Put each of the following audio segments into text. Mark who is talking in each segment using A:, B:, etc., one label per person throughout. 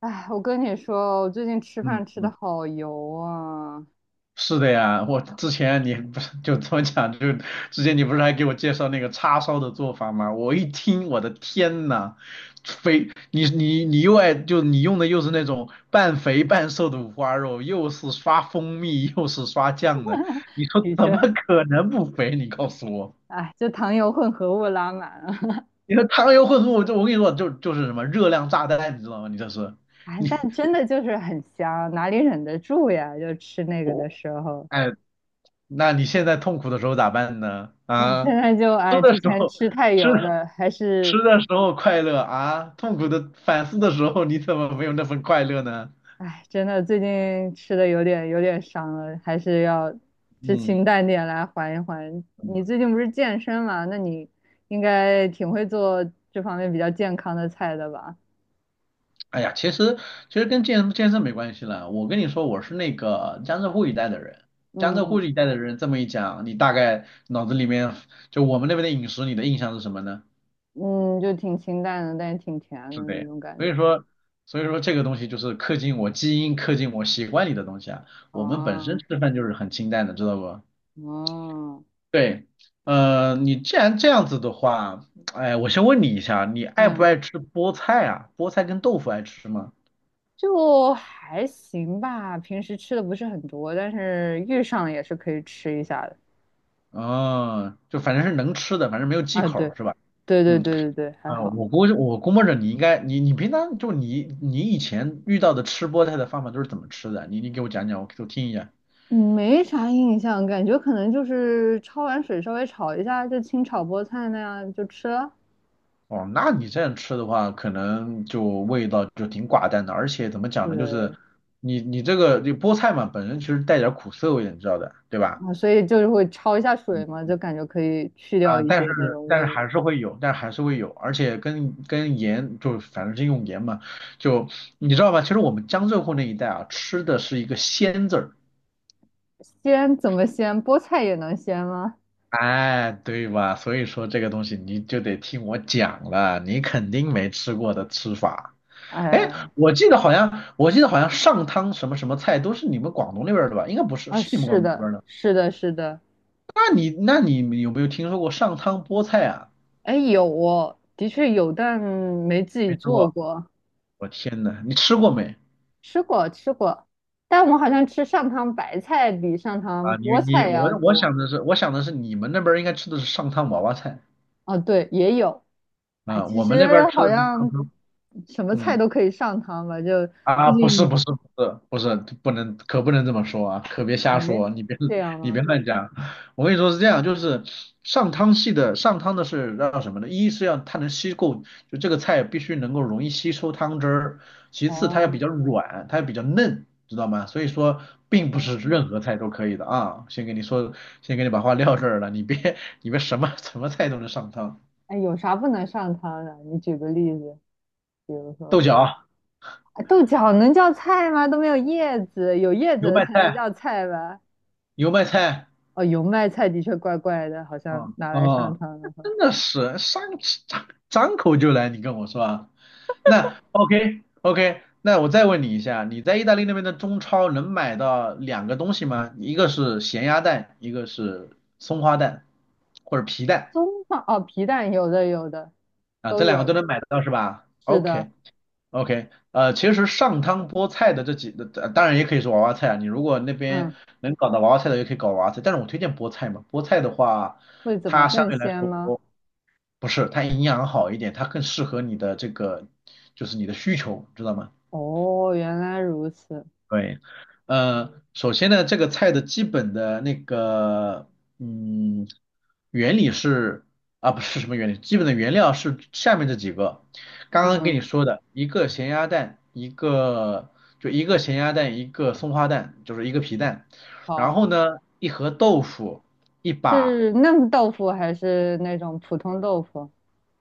A: 哎，我跟你说，我最近吃
B: 嗯
A: 饭吃的
B: 嗯，
A: 好油啊，
B: 是的呀。我之前你不是就这么讲，就之前你不是还给我介绍那个叉烧的做法吗？我一听，我的天呐，肥，你又爱就你用的又是那种半肥半瘦的五花肉，又是刷蜂蜜，又是刷酱的，你说
A: 的
B: 怎
A: 确，
B: 么可能不肥？你告诉我，
A: 哎，就糖油混合物拉满了，
B: 你说糖油混合物，就我跟你说，就是什么热量炸弹，你知道吗？你这是
A: 哎，
B: 你
A: 但真的就是很香，哪里忍得住呀？就吃那个的
B: 我
A: 时候，
B: 哎，那你现在痛苦的时候咋办呢？
A: 哎，现
B: 啊，
A: 在就哎，
B: 吃的
A: 之
B: 时
A: 前
B: 候。
A: 吃太
B: 吃。
A: 油了，还
B: 吃
A: 是
B: 的时候快乐啊，痛苦的反思的时候，你怎么没有那份快乐呢？
A: 哎，真的最近吃的有点伤了，还是要吃清
B: 嗯
A: 淡点来缓一缓。你
B: 嗯，
A: 最近不是健身嘛？那你应该挺会做这方面比较健康的菜的吧？
B: 哎呀，其实跟健身没关系了。我跟你说，我是那个江浙沪一带的人，江浙
A: 嗯
B: 沪一带的人这么一讲，你大概脑子里面就我们那边的饮食，你的印象是什么呢？
A: 嗯，就挺清淡的，但也挺甜
B: 是
A: 的
B: 的呀，
A: 那种感
B: 所
A: 觉。
B: 以说所以说这个东西就是刻进我基因、刻进我习惯里的东西啊。我们本身
A: 哦，
B: 吃饭就是很清淡的，知道不？
A: 哦，
B: 对。你既然这样子的话，哎，我先问你一下，你爱不
A: 嗯，
B: 爱吃菠菜啊？菠菜跟豆腐爱吃吗？
A: 就还行吧。平时吃的不是很多，但是遇上了也是可以吃一下的。
B: 嗯，就反正是能吃的，反正没有忌
A: 啊，
B: 口
A: 对，
B: 儿是吧？
A: 对对
B: 嗯，
A: 对对对，还
B: 啊，
A: 好，
B: 我估摸着你应该，你平常就你以前遇到的吃菠菜的方法都是怎么吃的啊？你给我讲讲，我听一下。
A: 没啥印象，感觉可能就是焯完水稍微炒一下，就清炒菠菜那样就吃了。
B: 哦，那你这样吃的话，可能就味道就挺寡淡的，而且怎么讲呢，就是
A: 对，
B: 你这菠菜嘛，本身其实带点儿苦涩味的，你知道的，对吧？
A: 啊，所以就是会焯一下水
B: 嗯
A: 嘛，就感觉可以去掉
B: 啊、
A: 一些那种
B: 但是
A: 味。
B: 还是会有，但还是会有，而且跟盐就反正是用盐嘛，就你知道吧？其实我们江浙沪那一带啊，吃的是一个鲜字儿。
A: 鲜怎么鲜？菠菜也能鲜吗？
B: 哎，对吧？所以说这个东西你就得听我讲了，你肯定没吃过的吃法。哎，
A: 哎。
B: 我记得好像上汤什么什么菜都是你们广东那边儿的吧？应该不是，
A: 啊，
B: 是你们广
A: 是
B: 东这
A: 的，
B: 边儿的。
A: 是的，是的，
B: 那你有没有听说过上汤菠菜啊？
A: 哎，有哦，的确有，但没自己
B: 没吃
A: 做
B: 过，
A: 过，
B: 我天呐，你吃过没？
A: 吃过，吃过，但我好像吃上汤白菜比上汤
B: 啊，你
A: 菠
B: 你
A: 菜
B: 我
A: 要
B: 我
A: 多。
B: 想的是，我想的是你们那边儿应该吃的是上汤娃娃菜
A: 哦，对，也有，啊，
B: 啊，
A: 其
B: 我们
A: 实
B: 那边儿吃
A: 好
B: 的是上
A: 像
B: 汤。
A: 什么菜
B: 嗯。
A: 都可以上汤吧，就毕
B: 啊，不是不
A: 竟，
B: 是不是不是，不能可不能这么说啊，可别
A: 哎，
B: 瞎说。
A: 这样
B: 你
A: 吗？
B: 别乱讲。我跟你说是这样，就是上汤的是要什么呢？一是要它能吸够，就这个菜必须能够容易吸收汤汁儿；其次它要比
A: 哦，
B: 较软，它要比较嫩，知道吗？所以说并不是任
A: 哦，
B: 何菜都可以的啊。先给你说，先给你把话撂这儿了。你别什么什么菜都能上汤，
A: 哎，有啥不能上汤的？你举个例子，比如
B: 豆
A: 说，
B: 角、
A: 啊豆角能叫菜吗？都没有叶子，有叶
B: 油
A: 子
B: 麦
A: 才能
B: 菜、
A: 叫菜吧？
B: 油麦菜。
A: 哦，油麦菜的确怪怪的，好像
B: 啊
A: 拿来上
B: 啊，
A: 汤的话，
B: 真的是张口就来，你跟我说啊。那 OK OK,那我再问你一下，你在意大利那边的中超能买到两个东西吗？一个是咸鸭蛋，一个是松花蛋或者皮蛋
A: 葱放哦，皮蛋有的有的，
B: 啊，
A: 都
B: 这两个
A: 有，
B: 都能买得到是吧
A: 是的，
B: ？OK OK。其实上汤菠菜的当然也可以是娃娃菜啊，你如果那边
A: 嗯，
B: 能搞到娃娃菜的，也可以搞娃娃菜，但是我推荐菠菜嘛，菠菜的话，
A: 会怎么
B: 它相
A: 更
B: 对来
A: 鲜
B: 说。
A: 吗？
B: 不是，它营养好一点，它更适合你的这个，就是你的需求，知道吗？
A: 哦，原来如此，
B: 对。首先呢，这个菜的基本的那个，嗯，原理是啊，不是什么原理，基本的原料是下面这几个，刚刚跟
A: 嗯，
B: 你说的，一个咸鸭蛋，一个咸鸭蛋，一个松花蛋，就是一个皮蛋，然
A: 好，
B: 后呢，一盒豆腐，一把，
A: 是嫩豆腐还是那种普通豆腐？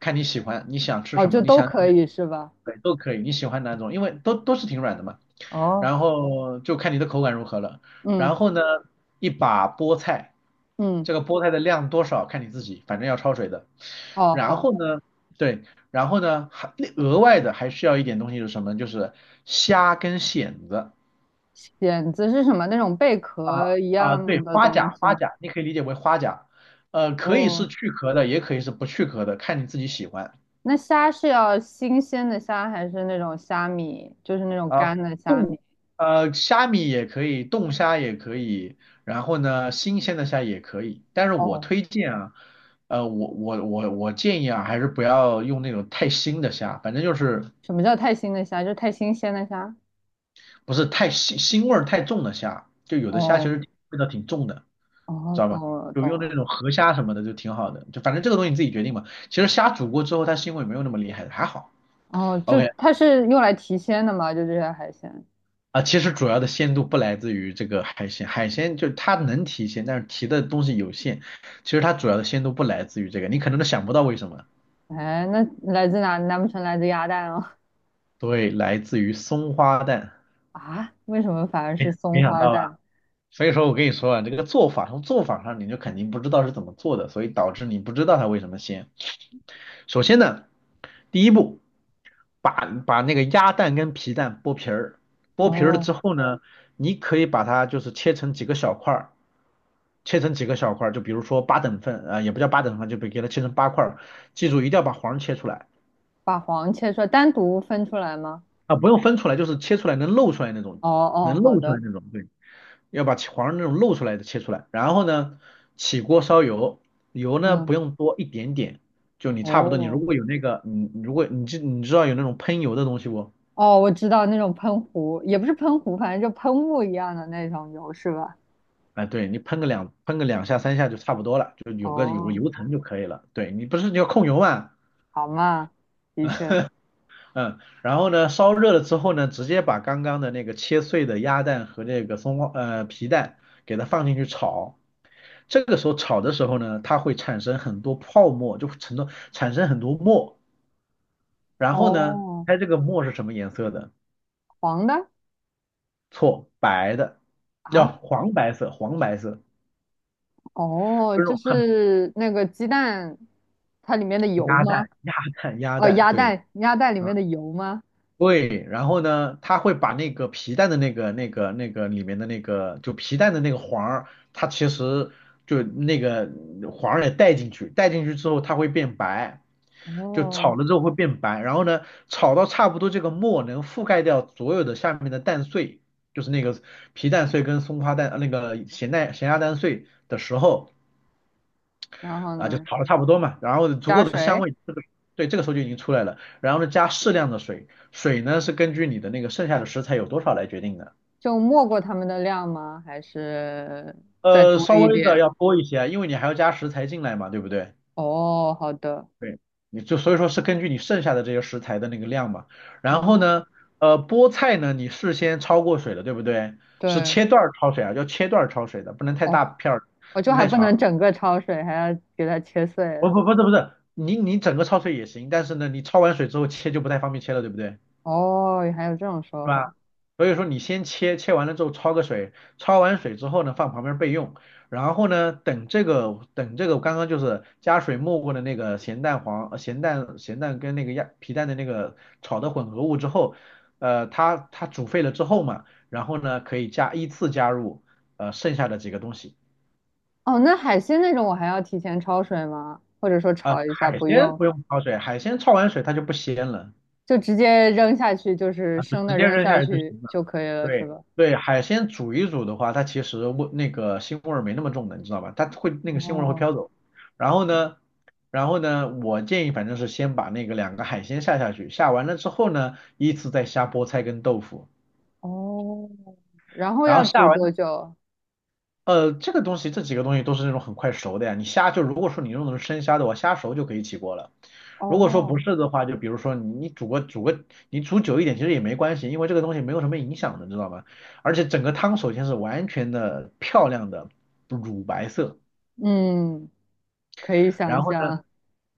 B: 看你喜欢，你想吃
A: 哦，
B: 什
A: 就
B: 么，你
A: 都
B: 想。
A: 可以是吧？
B: 对，都可以，你喜欢哪种，因为都是挺软的嘛。
A: 哦，
B: 然后就看你的口感如何了。
A: 嗯
B: 然后呢，一把菠菜，
A: 嗯，
B: 这个菠菜的量多少看你自己，反正要焯水的。
A: 哦
B: 然
A: 好，
B: 后呢，对，然后呢，还额外的还需要一点东西是什么？就是虾跟蚬子
A: 蚬子是什么？那种贝壳一
B: 啊，对，
A: 样的
B: 花
A: 东
B: 甲，
A: 西
B: 花
A: 吗？
B: 甲，你可以理解为花甲。可以是
A: 哦，
B: 去壳的，也可以是不去壳的，看你自己喜欢。
A: 那虾是要新鲜的虾还是那种虾米？就是那种
B: 啊，
A: 干的虾米？
B: 冻虾米也可以，冻虾也可以，然后呢，新鲜的虾也可以。但是我
A: 哦，
B: 推荐啊。我建议啊，还是不要用那种太腥的虾，反正就是
A: 什么叫太新的虾？就是太新鲜的虾。
B: 不是太腥腥味儿太重的虾，就有的虾其
A: 哦，
B: 实味道挺重的，
A: 哦，
B: 知道
A: 懂
B: 吧？
A: 了，
B: 就
A: 懂
B: 用那
A: 了。
B: 种河虾什么的就挺好的，就反正这个东西你自己决定嘛。其实虾煮过之后，它腥味没有那么厉害，还好。
A: 哦，就
B: OK。
A: 它是用来提鲜的嘛？就这些海鲜。
B: 啊，其实主要的鲜度不来自于这个海鲜，海鲜就是它能提鲜，但是提的东西有限。其实它主要的鲜度不来自于这个，你可能都想不到为什么。
A: 哎，那来自哪？难不成来自鸭蛋啊？
B: 对，来自于松花蛋。
A: 啊？为什么反而
B: 没
A: 是
B: 没
A: 松
B: 想
A: 花
B: 到
A: 蛋？
B: 吧？所以说我跟你说啊，这个做法从做法上你就肯定不知道是怎么做的，所以导致你不知道它为什么鲜。首先呢，第一步，把那个鸭蛋跟皮蛋剥皮儿，剥皮儿了
A: 哦，
B: 之后呢，你可以把它就是切成几个小块儿。切成几个小块儿，就比如说八等份，啊，也不叫八等份，就给它切成八块儿。记住，一定要把黄切出来
A: 把黄切出来，单独分出来吗？
B: 啊，不用分出来，就是切出来能露出来那种，
A: 哦
B: 能
A: 哦，好
B: 露出来
A: 的。
B: 那种，对，要把黄那种露出来的切出来。然后呢，起锅烧油，油呢不
A: 嗯，
B: 用多，一点点，就你差不多，你如
A: 哦
B: 果有那个，你如果你知道有那种喷油的东西不？
A: 哦，我知道那种喷壶，也不是喷壶，反正就喷雾一样的那种油是吧？
B: 哎，对你喷个两下三下就差不多了，就有个
A: 哦，
B: 油层就可以了。对你不是你要控油嘛？
A: 好嘛，的确。
B: 嗯，然后呢，烧热了之后呢，直接把刚刚的那个切碎的鸭蛋和那个皮蛋给它放进去炒。这个时候炒的时候呢，它会产生很多泡沫，就会产生很多沫。然后呢，
A: 哦，
B: 猜这个沫是什么颜色的？
A: 黄的。
B: 错，白的，叫
A: 啊。
B: 黄白色，黄白色，
A: 哦，
B: 就是那
A: 就
B: 种很
A: 是那个鸡蛋，它里面的油
B: 鸭
A: 吗？
B: 蛋，鸭蛋，鸭
A: 哦，
B: 蛋，
A: 鸭
B: 对。
A: 蛋，鸭蛋里面的油吗？
B: 对，然后呢，它会把那个皮蛋的那个里面的那个，就皮蛋的那个黄儿，它其实就那个黄儿也带进去，带进去之后它会变白，就
A: 哦，
B: 炒了之后会变白，然后呢，炒到差不多这个沫能覆盖掉所有的下面的蛋碎，就是那个皮蛋碎跟松花蛋、那个咸蛋、咸鸭蛋碎的时候，
A: 然后
B: 啊，就
A: 呢？
B: 炒的差不多嘛，然后足
A: 加
B: 够的香
A: 水，
B: 味，对，这个时候就已经出来了，然后呢加适量的水，水呢是根据你的那个剩下的食材有多少来决定的。
A: 就没过它们的量吗？还是再多
B: 稍
A: 一
B: 微的
A: 点？
B: 要多一些啊，因为你还要加食材进来嘛，对不对？
A: 哦，好的。
B: 对，你就所以说是根据你剩下的这些食材的那个量嘛。然后
A: 哦，
B: 呢，菠菜呢你事先焯过水了，对不对？是
A: 对，
B: 切段儿焯水啊，要切段儿焯水的，不能太大
A: 哦，
B: 片儿，
A: 我
B: 不
A: 就
B: 能
A: 还
B: 太
A: 不
B: 长，
A: 能整个焯水，还要给它切碎了。
B: 不是，你整个焯水也行，但是呢你焯完水之后切就不太方便切了，对不对？
A: 哦，还有这种说
B: 是
A: 法。
B: 吧？所以说你先切，切完了之后焯个水，焯完水之后呢，放旁边备用。然后呢，等这个刚刚就是加水没过的那个咸蛋黄、咸蛋跟那个鸭皮蛋的那个炒的混合物之后，它煮沸了之后嘛，然后呢可以依次加入剩下的几个东西。
A: 哦，那海鲜那种我还要提前焯水吗？或者说
B: 啊，
A: 炒一下
B: 海
A: 不
B: 鲜
A: 用？
B: 不用焯水，海鲜焯完水它就不鲜了。
A: 就直接扔下去，就是
B: 啊，就
A: 生
B: 直
A: 的
B: 接
A: 扔
B: 扔
A: 下
B: 下去就行
A: 去
B: 了。
A: 就可以了，是
B: 对，
A: 吧？
B: 对，海鲜煮一煮的话，它其实那个腥味儿没那么重的，你知道吧？它会那个腥味儿会
A: 哦
B: 飘走。然后呢，然后呢，我建议反正是先把那个两个海鲜下下去，下完了之后呢，依次再下菠菜跟豆腐。
A: 哦，然后
B: 然后
A: 要
B: 下
A: 煮
B: 完
A: 多久？
B: 这个东西，这几个东西都是那种很快熟的呀。你虾就如果说你用的是生虾的话，虾熟就可以起锅了。如果说不
A: 哦，
B: 是的话，就比如说你煮个，你煮久一点其实也没关系，因为这个东西没有什么影响的，知道吗？而且整个汤首先是完全的漂亮的乳白色。
A: 嗯，可以想
B: 然后呢，
A: 象。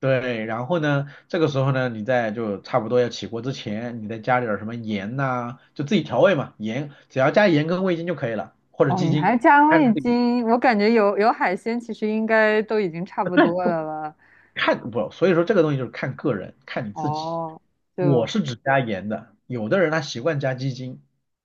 B: 对，然后呢，这个时候呢，你在就差不多要起锅之前，你再加点儿什么盐呐、就自己调味嘛，盐只要加盐跟味精就可以了，或者
A: 哦，
B: 鸡
A: 你还
B: 精，
A: 加
B: 看你
A: 味
B: 自己。
A: 精，我感觉有海鲜，其实应该都已经差不多了吧？
B: 看不，所以说这个东西就是看个人，看你自己。
A: 哦，
B: 我
A: 就
B: 是只加盐的，有的人他习惯加鸡精，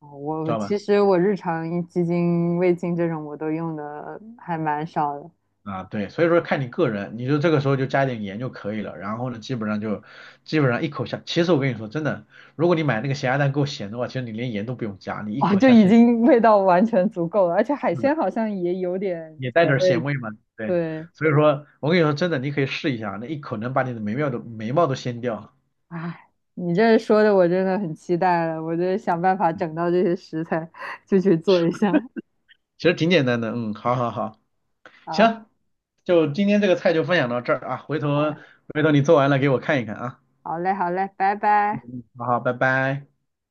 A: 哦我
B: 知
A: 我
B: 道
A: 其
B: 吗？
A: 实我日常一鸡精、味精这种我都用的还蛮少的。
B: 啊，对，所以说看你个人，你就这个时候就加点盐就可以了。然后呢，基本上一口下，其实我跟你说真的，如果你买那个咸鸭蛋够咸的话，其实你连盐都不用加，你一
A: 哦，
B: 口
A: 就
B: 下
A: 已
B: 去，
A: 经味道完全足够了，而且海
B: 是的，
A: 鲜好像也有点
B: 也带
A: 咸
B: 点咸
A: 味，
B: 味嘛。对，
A: 对。
B: 所以说我跟你说真的，你可以试一下，那一口能把你的眉毛都掀掉，
A: 哎，你这说的我真的很期待了，我就想办法整到这些食材，就去做一下。
B: 其实挺简单的。嗯，好好好，
A: 好，
B: 行，就今天这个菜就分享到这儿啊，回
A: 好
B: 头
A: 嘞，
B: 回头你做完了给我看一看啊。
A: 好嘞，好嘞，拜拜。
B: 好好，拜拜。